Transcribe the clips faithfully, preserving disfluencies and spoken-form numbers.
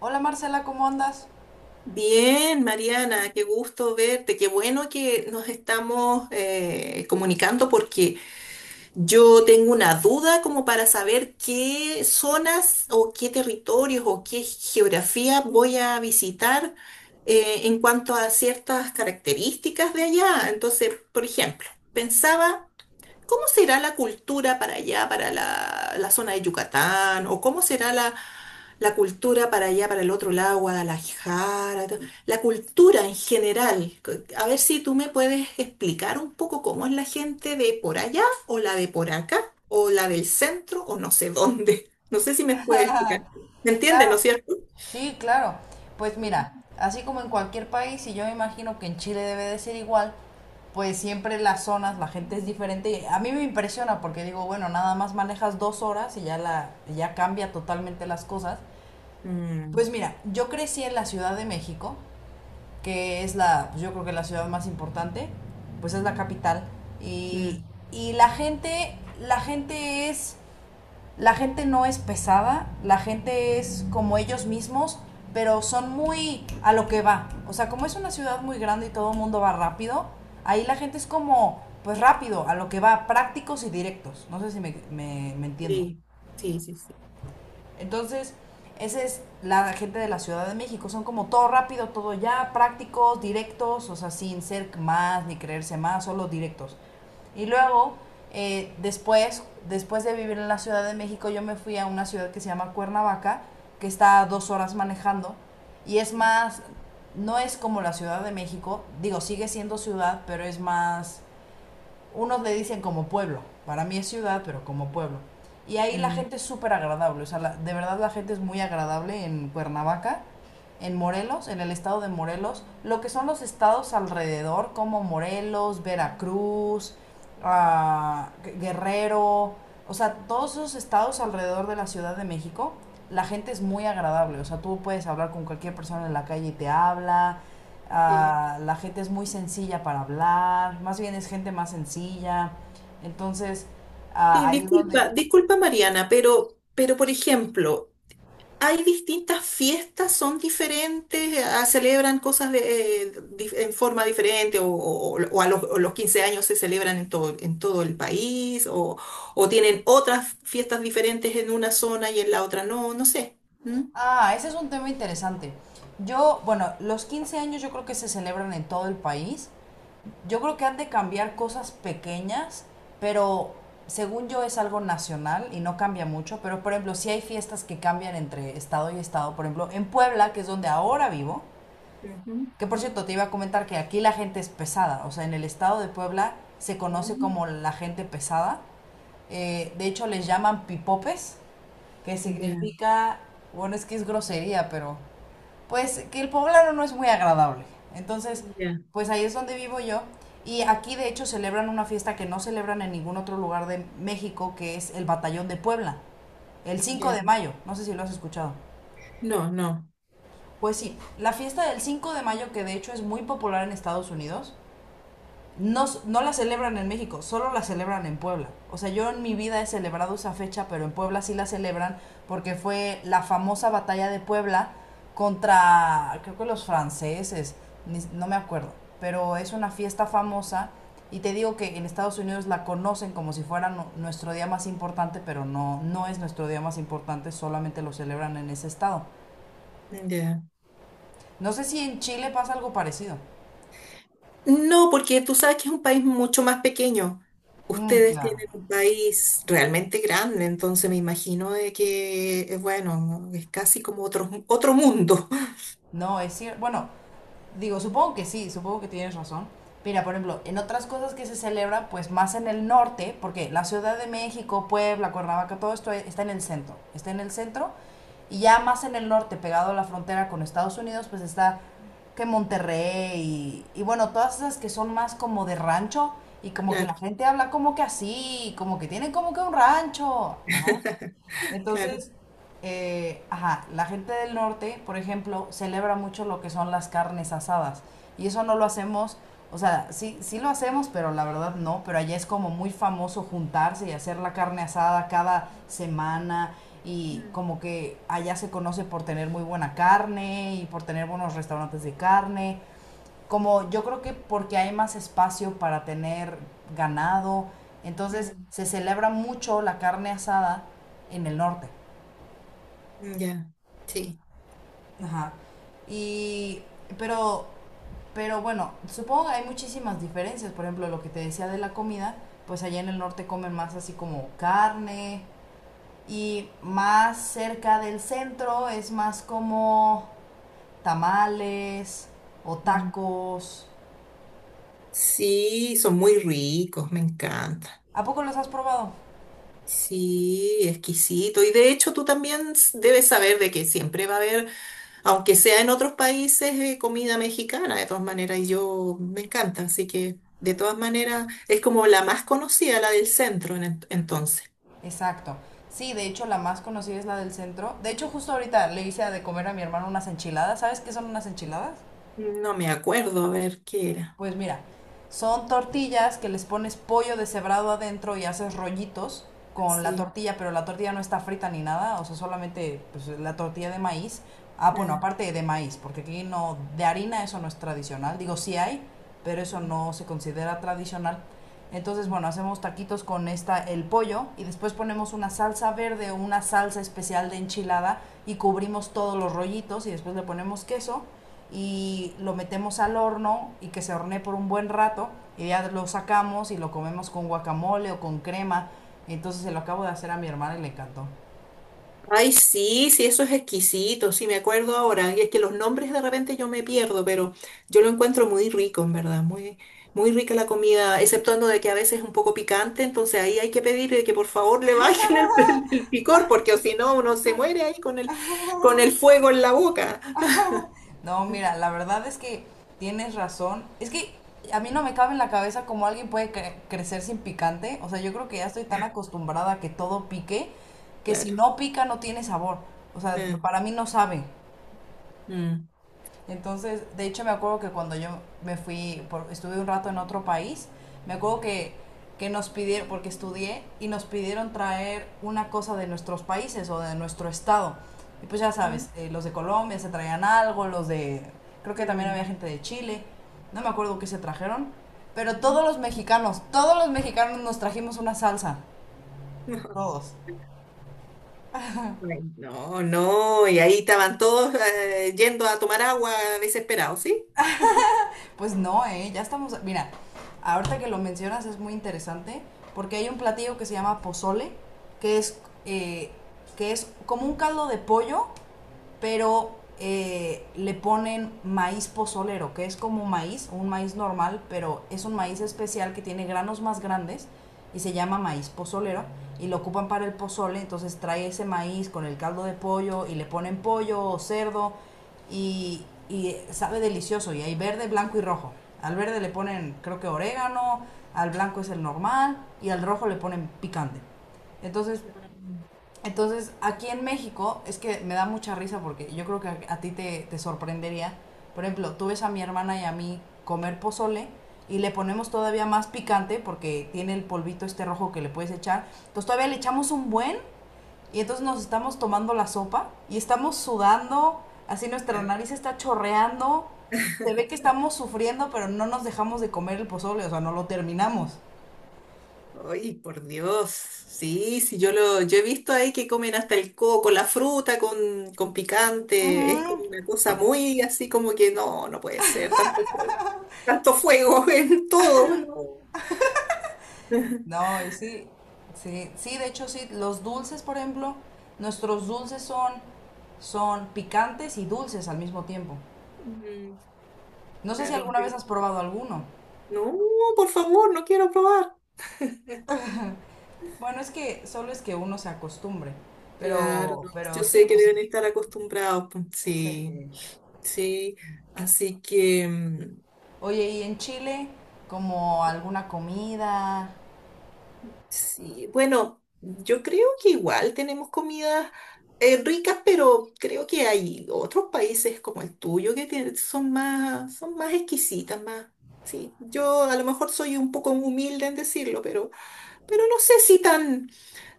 Hola Marcela, ¿cómo andas? Bien, Mariana, qué gusto verte, qué bueno que nos estamos eh, comunicando porque yo tengo una duda como para saber qué zonas o qué territorios o qué geografía voy a visitar eh, en cuanto a ciertas características de allá. Entonces, por ejemplo, pensaba. ¿Cómo será la cultura para allá, para la, la zona de Yucatán? ¿O cómo será la, la cultura para allá, para el otro lado, Guadalajara? to- La cultura en general. C- A ver si tú me puedes explicar un poco cómo es la gente de por allá o la de por acá o la del centro o no sé dónde. No sé si me puedes explicar. ¿Me entiendes, no es Claro, cierto? sí, claro. Pues mira, Ujú. así como en cualquier país, y yo me imagino que en Chile debe de ser igual, pues siempre las zonas, la gente es diferente. y a mí me impresiona porque digo, bueno, nada más manejas dos horas y ya la, ya cambia totalmente las cosas. Mm, Pues mira, yo crecí en la Ciudad de México, que es la, pues yo creo que la ciudad más importante, pues es la capital. Y, mm, y la gente, la gente es la gente no es pesada, la gente es como ellos mismos, pero son muy a lo que va. O sea, como es una ciudad muy grande y todo el mundo va rápido, ahí la gente es como, pues rápido, a lo que va, prácticos y directos. No sé si me, me, me entiendo. sí, sí, sí, sí. Entonces, esa es la gente de la Ciudad de México. Son como todo rápido, todo ya, prácticos, directos, o sea, sin ser más ni creerse más, solo directos. Y luego, eh, después, después de vivir en la Ciudad de México, yo me fui a una ciudad que se llama Cuernavaca, que está a dos horas manejando. Y es más, no es como la Ciudad de México, digo, sigue siendo ciudad, pero es más, unos le dicen como pueblo, para mí es ciudad, pero como pueblo. Y ahí la Mm, gente es súper agradable, o sea, la- de verdad la gente es muy agradable en Cuernavaca, en Morelos, en el estado de Morelos, lo que son los estados alrededor, como Morelos, Veracruz, ah, Guerrero, o sea, todos esos estados alrededor de la Ciudad de México, la gente es muy agradable. O sea, tú puedes hablar con cualquier persona en la calle y te habla. sí. Ah, la gente es muy sencilla para hablar. Más bien es gente más sencilla. Entonces, ah, Sí, ahí es donde… disculpa, disculpa Mariana, pero, pero por ejemplo, hay distintas fiestas, son diferentes, eh, Ah, celebran cosas de, eh, dif- en forma diferente o, o- o a los, o los quince años se celebran en todo, en todo el país o, o tienen otras fiestas diferentes en una zona y en la otra no, no sé. ¿Mm? Ah, ese es un tema interesante. Yo, bueno, los quince años yo creo que se celebran en todo el país. Yo creo que han de cambiar cosas pequeñas, pero según yo es algo nacional y no cambia mucho, pero por ejemplo, sí hay fiestas que cambian entre estado y estado. Por ejemplo, en Puebla, que es donde ahora vivo, Ujú. que por cierto te iba a comentar que aquí la gente es pesada, o sea, en el estado de Puebla se conoce Mm, como la gente pesada. Eh, de hecho, les llaman pipopes, que ya, significa, bueno, es que es grosería, pero pues que el poblano no es muy agradable. Entonces, ya, pues ahí es donde vivo yo. Y aquí de hecho celebran una fiesta que no celebran en ningún otro lugar de México, que es el Batallón de Puebla, el cinco ya. de mayo. No sé si lo has escuchado. No, no, Pues sí, la fiesta del cinco de mayo, que de hecho es muy popular en Estados Unidos, no, no la celebran en México, solo la celebran en Puebla. O sea, yo en mi vida he celebrado esa fecha, pero en Puebla sí la celebran porque fue la famosa batalla de Puebla contra, creo que los franceses, no me acuerdo, pero es una fiesta famosa y te digo que en Estados Unidos la conocen como si fuera nu- nuestro día más importante, pero no, no es nuestro día más importante, solamente lo celebran en ese estado. ya. No sé si en Chile pasa algo parecido. No, porque tú sabes que es un país mucho más pequeño. Mm, Ustedes claro. tienen un país realmente grande, entonces me imagino de que, eh, bueno, es casi como otro, otro mundo. No, es cierto. Bueno, digo, supongo que sí, supongo que tienes razón. Mira, por ejemplo, en otras cosas que se celebra, pues más en el norte, porque la Ciudad de México, Puebla, Cuernavaca, todo esto e-, está en el centro, está en el centro, y ya más en el norte, pegado a la frontera con Estados Unidos, pues está que Monterrey, y, y bueno, todas esas que son más como de rancho, y como que la Claro, gente habla como que así, como que tienen como que un rancho. claro. Entonces, eh, ajá, la gente del norte, por ejemplo, celebra mucho lo que son las carnes asadas. Y eso no lo hacemos, o sea, sí, sí lo hacemos, pero la verdad no. Pero allá es como muy famoso juntarse y hacer la carne asada cada semana. Y Mm, como que allá se conoce por tener muy buena carne y por tener buenos restaurantes de carne. Como yo creo que porque hay más espacio para tener ganado, entonces mm, se celebra mucho la carne asada en el norte. mm, ya, sí. Ajá. Y, pero, pero bueno, supongo que hay muchísimas diferencias. Por ejemplo, lo que te decía de la comida, pues allá en el norte comen más así como carne y más cerca del centro es más como tamales o Mm. tacos. Sí, son muy ricos, me encanta. ¿A poco los has probado? Sí, exquisito. Y de hecho tú también s- debes saber de que siempre va a haber, aunque sea en otros países, eh, comida mexicana, de todas maneras, y yo me encanta, así que de todas maneras es como la más conocida, la del centro en ent- entonces. Exacto. Sí, de hecho la más conocida es la del centro. De hecho, justo ahorita le hice de comer a mi hermano unas enchiladas. ¿Sabes qué son unas enchiladas? No me acuerdo, a ver qué era. Pues mira, son tortillas que les pones pollo deshebrado adentro y haces rollitos con la Sí. tortilla, pero la tortilla no está frita ni nada, o sea, solamente pues, la tortilla de maíz. Ah, bueno, eh, aparte de maíz, porque aquí no, de harina eso no es tradicional. Digo, sí hay, pero eso mm, no se considera tradicional. Entonces, mm. bueno, hacemos taquitos con esta el pollo y después ponemos una salsa verde o una salsa especial de enchilada y cubrimos todos los rollitos y después le ponemos queso y lo metemos al horno y que se hornee por un buen rato y ya lo sacamos y lo comemos con guacamole o con crema. Entonces se lo acabo de hacer a mi hermana y le encantó. Ay, sí, sí, eso es exquisito, sí, me acuerdo ahora. Y es que los nombres de repente yo me pierdo, pero yo lo encuentro muy rico, en verdad, muy, muy rica la comida, exceptuando de que a veces es un poco picante, entonces ahí hay que pedirle que por favor le bajen el, el- el picor, porque o si no uno se muere ahí con el, con el fuego en la boca. No, mira, la verdad es que tienes razón. Es que a mí no me cabe en la cabeza cómo alguien puede cre- crecer sin picante. O sea, yo creo que ya estoy tan acostumbrada a que todo pique que si Claro. no pica no tiene sabor. O sea, Ah, para mí no sabe. mm. Entonces, de hecho me acuerdo que cuando yo me fui, por- estuve un rato en otro país, me acuerdo que, que nos pidieron, porque estudié, y nos pidieron traer una cosa de nuestros países o de nuestro estado. Y pues ya Ujú, sabes, eh, los de Colombia se traían algo, los de, creo que también había mm, gente de Chile, no me acuerdo qué se trajeron, pero ujú. todos los mexicanos, todos los mexicanos nos trajimos una salsa, todos. Bueno, no, no, y ahí estaban todos eh, yendo a tomar agua desesperados, ¿sí? Pues no, ¿eh? Ya estamos… Mira, ahorita que lo mencionas es muy interesante porque hay un platillo que se llama pozole, que es, eh, que es como un caldo de pollo pero eh, le ponen maíz pozolero, que es como maíz, un maíz normal, pero es un maíz especial que tiene granos más grandes y se llama maíz pozolero y lo ocupan para el pozole, entonces trae ese maíz con el caldo de pollo y le ponen pollo o cerdo y, y sabe delicioso y hay verde, blanco y rojo. Al verde le ponen creo que orégano, al blanco es el normal y al rojo le ponen picante. Entonces entonces, aquí en México, es que me da mucha risa porque yo creo que a, a ti te, te sorprendería. Por ejemplo, tú ves a mi hermana y a mí comer pozole y le ponemos todavía más picante porque tiene el polvito este rojo que le puedes echar. Entonces todavía le echamos un buen y entonces nos estamos tomando la sopa y estamos sudando, así nuestra Mm. nariz está chorreando. Se ve que estamos sufriendo, pero no nos dejamos de comer el pozole, o sea, no lo terminamos. Ay, por Dios. Sí, sí, yo lo, yo he visto ahí que comen hasta el coco, la fruta con, con picante. Es Ujú. como una cosa muy así como que no, no puede ser. Tanto fuego, tanto fuego en todo, no. No, y sí, sí, sí, de hecho sí, los dulces, por ejemplo, nuestros dulces son, son picantes y dulces al mismo tiempo. Mm, No sé si claro. alguna vez has probado alguno. No, por favor, no quiero probar. Bueno, es que solo es que uno se acostumbre, Claro, pero, no, yo pero sí, sé que pues, deben estar acostumbrados, pues. Sí, sí. sí. Así que. Mm. Oye, ¿y en Chile como alguna comida? Sí, bueno, yo creo que igual tenemos comidas eh, ricas, pero creo que hay otros países como el tuyo que tienen- son más, son más exquisitas, más. Sí, yo a lo mejor soy un poco humilde en decirlo, pero, pero no sé si tan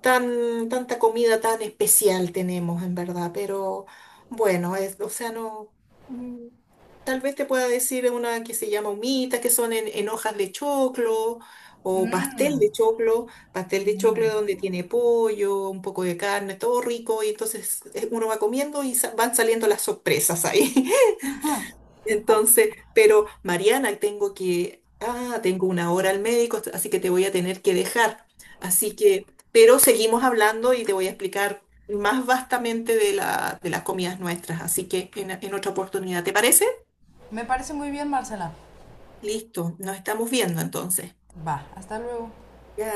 tan, tanta comida tan especial tenemos, en verdad, pero bueno, es, o sea, no, mm, tal vez te pueda decir una que se llama humita, que son en, en hojas de choclo o pastel Mm, de choclo, pastel de choclo donde tiene pollo, un poco de carne, todo rico, y entonces eh, uno va comiendo y sa- van saliendo las sorpresas ahí. Entonces, pero Mariana, tengo que, ah, tengo una hora al médico, así que te voy a tener que dejar. Así que, pero seguimos hablando y te voy a explicar más vastamente de la, de las comidas nuestras. Así que en, en otra oportunidad, ¿te parece? me parece muy bien, Marcela. Listo, nos estamos viendo entonces. Va, hasta luego. Ya.